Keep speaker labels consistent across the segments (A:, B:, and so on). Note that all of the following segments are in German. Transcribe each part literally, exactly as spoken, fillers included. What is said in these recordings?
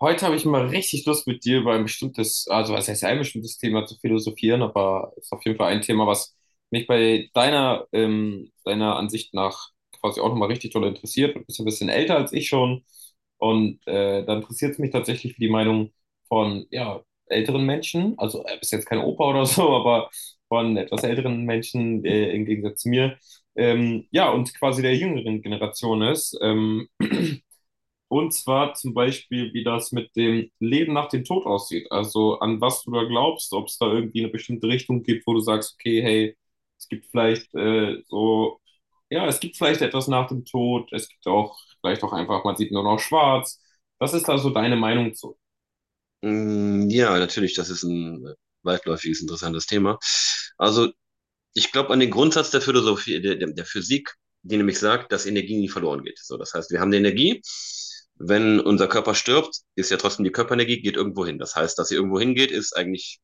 A: Heute habe ich mal richtig Lust mit dir über ein bestimmtes, also was heißt ein bestimmtes Thema zu philosophieren, aber es ist auf jeden Fall ein Thema, was mich bei deiner, ähm, deiner Ansicht nach quasi auch nochmal richtig doll interessiert. Du bist ein bisschen älter als ich schon und äh, da interessiert es mich tatsächlich für die Meinung von ja, älteren Menschen, also äh, bist jetzt kein Opa oder so, aber von etwas älteren Menschen äh, im Gegensatz zu mir, ähm, ja, und quasi der jüngeren Generation ist. Ähm, und zwar zum Beispiel, wie das mit dem Leben nach dem Tod aussieht. Also an was du da glaubst, ob es da irgendwie eine bestimmte Richtung gibt, wo du sagst, okay, hey, es gibt vielleicht äh, so, ja, es gibt vielleicht etwas nach dem Tod. Es gibt auch vielleicht auch einfach, man sieht nur noch schwarz. Was ist da so deine Meinung zu?
B: Mm, ja, natürlich, das ist ein äh, weitläufiges, interessantes Thema. Also, ich glaube an den Grundsatz der Philosophie, der, der der Physik, die nämlich sagt, dass Energie nie verloren geht. So, das heißt, wir haben die Energie. Wenn unser Körper stirbt, ist ja trotzdem die Körperenergie, geht irgendwo hin. Das heißt, dass sie irgendwo hingeht, ist eigentlich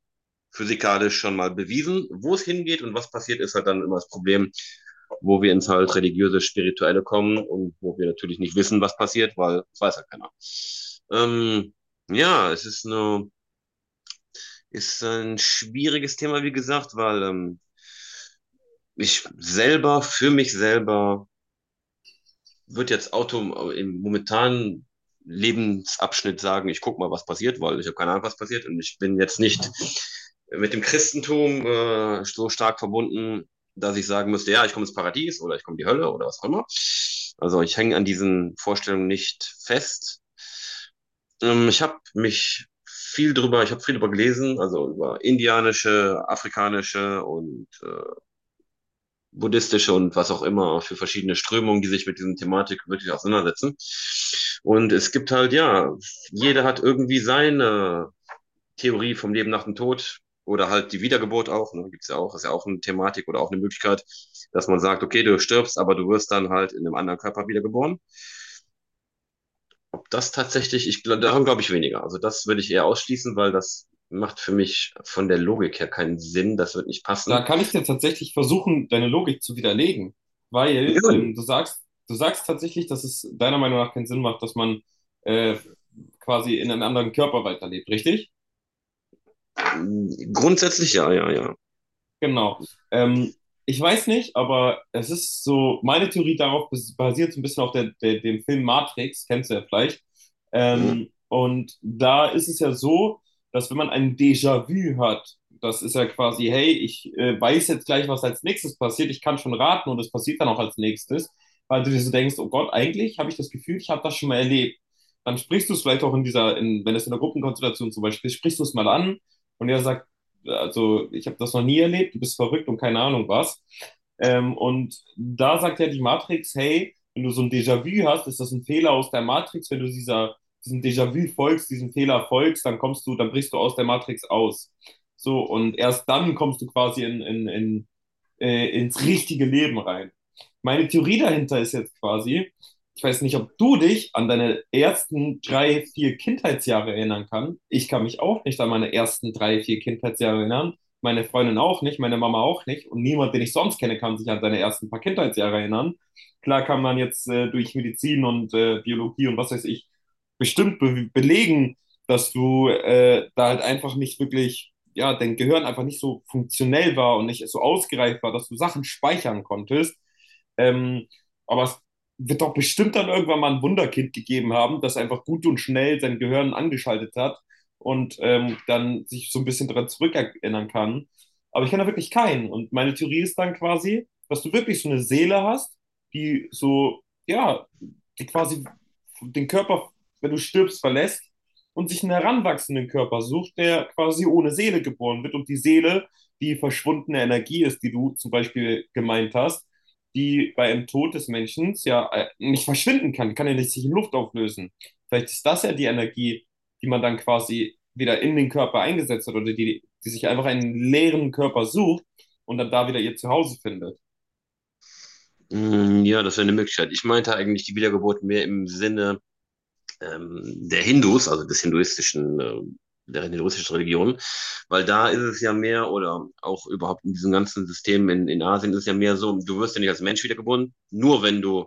B: physikalisch schon mal bewiesen. Wo es hingeht und was passiert, ist halt dann immer das Problem, wo wir ins halt religiöse, spirituelle kommen und wo wir natürlich nicht wissen, was passiert, weil das weiß ja keiner. Ähm, ja, es ist eine. Ist äh, ein schwieriges Thema, wie gesagt, weil ähm, ich selber, für mich selber, würde jetzt Auto äh, im momentanen Lebensabschnitt sagen, ich guck mal, was passiert, weil ich habe keine Ahnung, was passiert und ich bin jetzt nicht mit dem Christentum äh, so stark verbunden, dass ich sagen müsste, ja, ich komme ins Paradies oder ich komme in die Hölle oder was auch immer. Also ich hänge an diesen Vorstellungen nicht fest. Ähm, ich habe mich viel drüber, ich habe viel drüber gelesen, also über indianische, afrikanische und äh, buddhistische und was auch immer für verschiedene Strömungen, die sich mit diesen Thematik wirklich auseinandersetzen. Und es gibt halt, ja, jeder hat irgendwie seine Theorie vom Leben nach dem Tod oder halt die Wiedergeburt auch, ne, gibt's ja auch, ist ja auch eine Thematik oder auch eine Möglichkeit, dass man sagt, okay, du stirbst, aber du wirst dann halt in einem anderen Körper wiedergeboren. Ob das tatsächlich, ich glaube, daran glaube ich weniger. Also das würde ich eher ausschließen, weil das macht für mich von der Logik her keinen Sinn. Das wird nicht
A: Da
B: passen.
A: kann ich dir tatsächlich versuchen, deine Logik zu widerlegen, weil
B: Ja,
A: ähm, du sagst, du sagst tatsächlich, dass es deiner Meinung nach keinen Sinn macht, dass man äh, quasi in einem anderen Körper weiterlebt, richtig?
B: grundsätzlich ja, ja, ja.
A: Genau. Ähm, Ich weiß nicht, aber es ist so, meine Theorie darauf bas- basiert so ein bisschen auf der, der, dem Film Matrix, kennst du ja vielleicht.
B: Hm.
A: Ähm, und da ist es ja so, dass wenn man ein Déjà-vu hat, das ist ja quasi, hey, ich äh, weiß jetzt gleich, was als nächstes passiert, ich kann schon raten und es passiert dann auch als nächstes, weil du dir so denkst, oh Gott, eigentlich habe ich das Gefühl, ich habe das schon mal erlebt. Dann sprichst du es vielleicht auch in dieser, in, wenn es in der Gruppenkonstellation zum Beispiel ist, sprichst du es mal an und er sagt, also ich habe das noch nie erlebt, du bist verrückt und keine Ahnung was. Ähm, und da sagt ja die Matrix, hey, wenn du so ein Déjà-vu hast, ist das ein Fehler aus der Matrix, wenn du dieser, diesem Déjà-vu folgst, diesem Fehler folgst, dann kommst du, dann brichst du aus der Matrix aus. So, und erst dann kommst du quasi in, in, in äh, ins richtige Leben rein. Meine Theorie dahinter ist jetzt quasi, ich weiß nicht, ob du dich an deine ersten drei, vier Kindheitsjahre erinnern kannst. Ich kann mich auch nicht an meine ersten drei, vier Kindheitsjahre erinnern. Meine Freundin auch nicht, meine Mama auch nicht. Und niemand, den ich sonst kenne, kann sich an seine ersten paar Kindheitsjahre erinnern. Klar kann man jetzt äh, durch Medizin und äh, Biologie und was weiß ich bestimmt be belegen, dass du äh, da halt einfach nicht wirklich ja, dein Gehirn einfach nicht so funktionell war und nicht so ausgereift war, dass du Sachen speichern konntest. Ähm, aber es wird doch bestimmt dann irgendwann mal ein Wunderkind gegeben haben, das einfach gut und schnell sein Gehirn angeschaltet hat und ähm, dann sich so ein bisschen daran zurückerinnern kann. Aber ich kenne da wirklich keinen. Und meine Theorie ist dann quasi, dass du wirklich so eine Seele hast, die so, ja, die quasi den Körper, wenn du stirbst, verlässt und sich einen heranwachsenden Körper sucht, der quasi ohne Seele geboren wird und die Seele die verschwundene Energie ist, die du zum Beispiel gemeint hast, die bei einem Tod des Menschen ja äh, nicht verschwinden kann, kann ja nicht sich in Luft auflösen. Vielleicht ist das ja die Energie, die man dann quasi wieder in den Körper eingesetzt hat oder die, die sich einfach einen leeren Körper sucht und dann da wieder ihr Zuhause findet.
B: Hm, ja, das wäre eine Möglichkeit. Ich meinte eigentlich die Wiedergeburt mehr im Sinne ähm, der Hindus, also des hinduistischen, äh, der hinduistischen Religion, weil da ist es ja mehr oder auch überhaupt in diesem ganzen System in, in Asien ist es ja mehr so, du wirst ja nicht als Mensch wiedergeboren, nur wenn du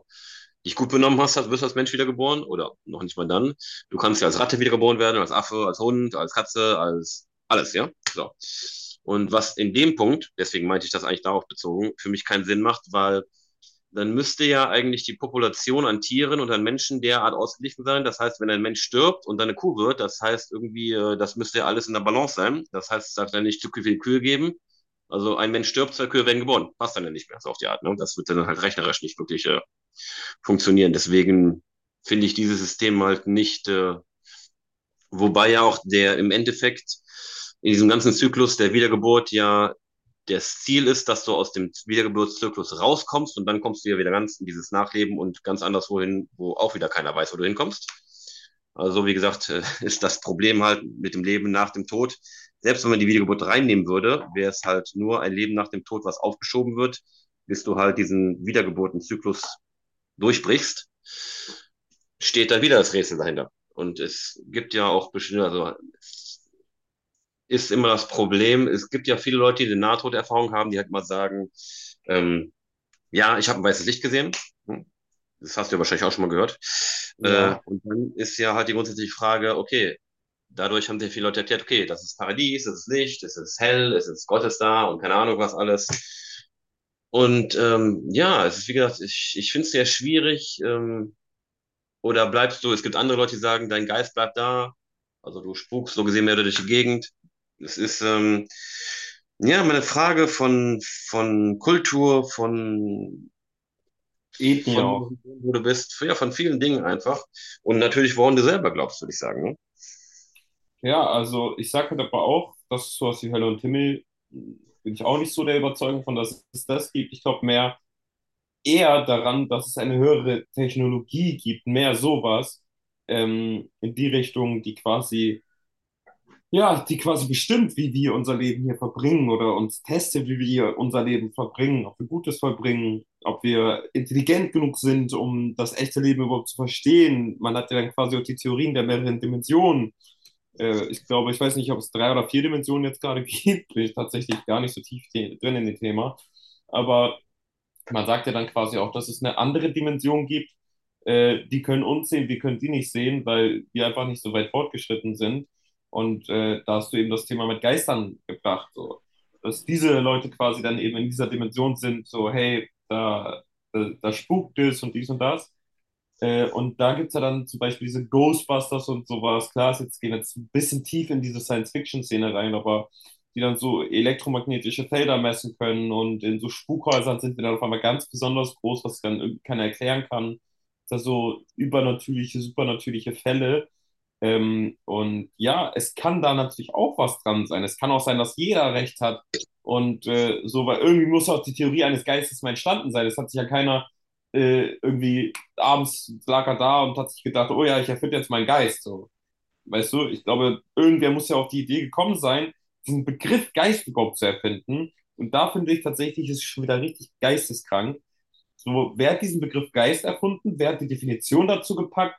B: dich gut benommen hast, wirst du als Mensch wiedergeboren oder noch nicht mal dann. Du kannst ja als Ratte wiedergeboren werden, als Affe, als Hund, als Katze, als alles, ja? So. Und was in dem Punkt, deswegen meinte ich das eigentlich darauf bezogen, für mich keinen Sinn macht, weil dann müsste ja eigentlich die Population an Tieren und an Menschen derart ausgeglichen sein. Das heißt, wenn ein Mensch stirbt und dann eine Kuh wird, das heißt irgendwie, äh, das müsste ja alles in der Balance sein. Das heißt, es darf dann nicht zu viele Kühe geben. Also ein Mensch stirbt, zwei Kühe werden geboren. Passt dann ja nicht mehr, so auf die Art. Ne? Das wird dann halt rechnerisch nicht wirklich äh, funktionieren. Deswegen finde ich dieses System halt nicht, äh, wobei ja auch der im Endeffekt in diesem ganzen Zyklus der Wiedergeburt ja das Ziel ist, dass du aus dem Wiedergeburtszyklus rauskommst und dann kommst du ja wieder ganz in dieses Nachleben und ganz anderswo hin, wo auch wieder keiner weiß, wo du hinkommst. Also wie gesagt, äh, ist das Problem halt mit dem Leben nach dem Tod. Selbst wenn man die Wiedergeburt reinnehmen würde, wäre es halt nur ein Leben nach dem Tod, was aufgeschoben wird, bis du halt diesen Wiedergeburtenzyklus durchbrichst, steht da wieder das Rätsel dahinter. Und es gibt ja auch bestimmte, also ist immer das Problem. Es gibt ja viele Leute, die eine Nahtoderfahrung haben, die halt mal sagen, ähm, ja, ich habe ein weißes Licht gesehen. Hm, das hast du ja wahrscheinlich auch schon mal gehört. Äh,
A: Ja,
B: und dann ist ja halt die grundsätzliche Frage, okay, dadurch haben sehr viele Leute erklärt, okay, das ist Paradies, das ist Licht, es ist hell, es ist Gott ist da und keine Ahnung was alles. Und ähm, ja, es ist wie gesagt, ich, ich finde es sehr schwierig, ähm, oder bleibst du, es gibt andere Leute, die sagen, dein Geist bleibt da, also du spukst so gesehen mehr durch die Gegend. Es ist ähm, ja meine Frage von, von Kultur, von,
A: Ethnie
B: von
A: auch.
B: wo du bist, ja, von vielen Dingen einfach. Und natürlich, woran du selber glaubst, würde ich sagen.
A: Ja, also ich sage halt aber auch, dass sowas wie Hölle und Himmel, mh, bin ich auch nicht so der Überzeugung von, dass es das gibt. Ich glaube mehr eher daran, dass es eine höhere Technologie gibt, mehr sowas ähm, in die Richtung, die quasi ja, die quasi bestimmt, wie wir unser Leben hier verbringen oder uns testet, wie wir unser Leben verbringen, ob wir Gutes verbringen, ob wir intelligent genug sind, um das echte Leben überhaupt zu verstehen. Man hat ja dann quasi auch die Theorien der mehreren Dimensionen. Äh, ich glaube, ich weiß nicht, ob es drei oder vier Dimensionen jetzt gerade gibt, bin ich tatsächlich gar nicht so tief te- drin in dem Thema. Aber man sagt ja dann quasi auch, dass es eine andere Dimension gibt, äh, die können uns sehen, wir können die nicht sehen, weil wir einfach nicht so weit fortgeschritten sind. Und äh, da hast du eben das Thema mit Geistern gebracht, so. Dass diese Leute quasi dann eben in dieser Dimension sind, so, hey, da, da, da spukt es und dies und das. Äh, und da gibt es ja dann zum Beispiel diese Ghostbusters und sowas. Klar, ist jetzt gehen wir jetzt ein bisschen tief in diese Science-Fiction-Szene rein, aber die dann so elektromagnetische Felder messen können und in so Spukhäusern sind die dann auf einmal ganz besonders groß, was dann irgendwie keiner erklären kann. Das sind so übernatürliche, supernatürliche Fälle. Ähm, und ja, es kann da natürlich auch was dran sein. Es kann auch sein, dass jeder recht hat. Und äh, so, weil irgendwie muss auch die Theorie eines Geistes mal entstanden sein. Es hat sich ja keiner äh, irgendwie abends lag er da und hat sich gedacht, oh ja, ich erfinde jetzt meinen Geist. So. Weißt du, ich glaube, irgendwer muss ja auf die Idee gekommen sein, diesen Begriff Geist überhaupt zu erfinden. Und da finde ich tatsächlich, ist es ist schon wieder richtig geisteskrank. So, wer hat diesen Begriff Geist erfunden? Wer hat die Definition dazu gepackt?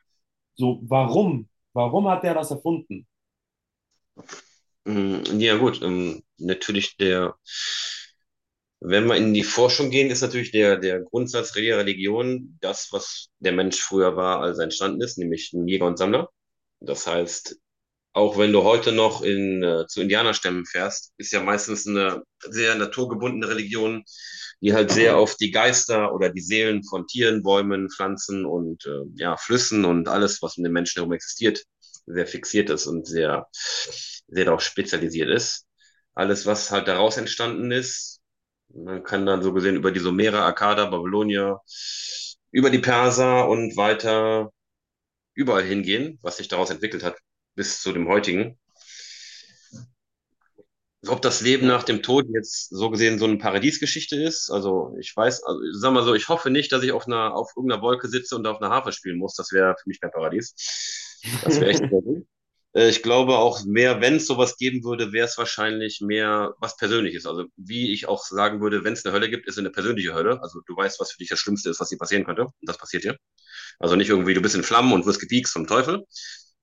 A: So, warum? Warum hat der das erfunden?
B: Ne? Mm, ja, gut, ähm, natürlich der, wenn wir in die Forschung gehen, ist natürlich der, der Grundsatz jeder Religion das, was der Mensch früher war, als er entstanden ist, nämlich ein Jäger und Sammler. Das heißt, auch wenn du heute noch in, äh, zu Indianerstämmen fährst, ist ja meistens eine sehr naturgebundene Religion, die halt sehr auf die Geister oder die Seelen von Tieren, Bäumen, Pflanzen und äh, ja, Flüssen und alles, was um den Menschen herum existiert, sehr fixiert ist und sehr, sehr darauf spezialisiert ist. Alles, was halt daraus entstanden ist, man kann dann so gesehen über die Sumerer, Akkader, Babylonier, über die Perser und weiter überall hingehen, was sich daraus entwickelt hat bis zu dem heutigen. Ob das Leben
A: Ja.
B: nach dem Tod jetzt so gesehen so eine Paradiesgeschichte ist. Also ich weiß, also ich sag mal so, ich hoffe nicht, dass ich auf einer, auf irgendeiner Wolke sitze und auf einer Harfe spielen muss. Das wäre für mich kein Paradies. Das wäre echt nicht mehr gut. Äh, Ich glaube auch mehr, wenn es sowas geben würde, wäre es wahrscheinlich mehr was Persönliches. Also wie ich auch sagen würde, wenn es eine Hölle gibt, ist es eine persönliche Hölle. Also du weißt, was für dich das Schlimmste ist, was dir passieren könnte. Und das passiert dir. Also nicht irgendwie, du bist in Flammen und wirst gepiekst vom Teufel,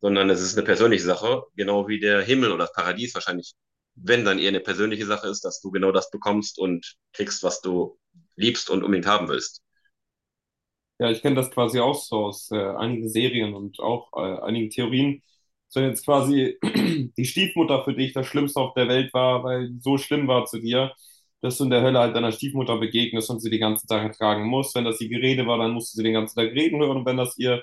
B: sondern es ist eine persönliche Sache, genau wie der Himmel oder das Paradies wahrscheinlich, wenn dann eher eine persönliche Sache ist, dass du genau das bekommst und kriegst, was du liebst und unbedingt haben willst.
A: Ja, ich kenne das quasi auch so aus äh, einigen Serien und auch äh, einigen Theorien. So jetzt quasi die Stiefmutter für dich das Schlimmste auf der Welt war, weil die so schlimm war zu dir, dass du in der Hölle halt deiner Stiefmutter begegnest und sie den ganzen Tag ertragen musst. Wenn das ihr Gerede war, dann musst du sie den ganzen Tag reden hören. Und wenn das ihr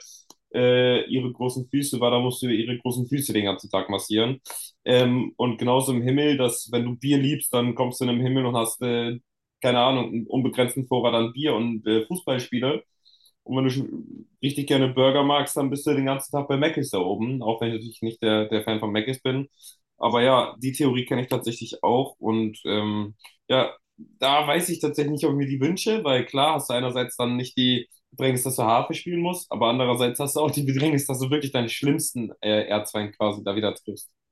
A: äh, ihre großen Füße war, dann musst du ihre großen Füße den ganzen Tag massieren. Ähm, und genauso im Himmel, dass wenn du Bier liebst, dann kommst du in den Himmel und hast äh, keine Ahnung, einen unbegrenzten Vorrat an Bier und äh, Fußballspiele. Und wenn du schon richtig gerne Burger magst, dann bist du den ganzen Tag bei Mc's da oben, auch wenn ich natürlich nicht der, der Fan von Mc's bin. Aber ja, die Theorie kenne ich tatsächlich auch. Und ähm, ja, da weiß ich tatsächlich nicht, ob ich mir die wünsche, weil klar hast du einerseits dann nicht die Bedrängnis, dass du Harfe spielen musst, aber andererseits hast du auch die Bedrängnis, dass du wirklich deinen schlimmsten äh, Erzfeind quasi da wieder triffst.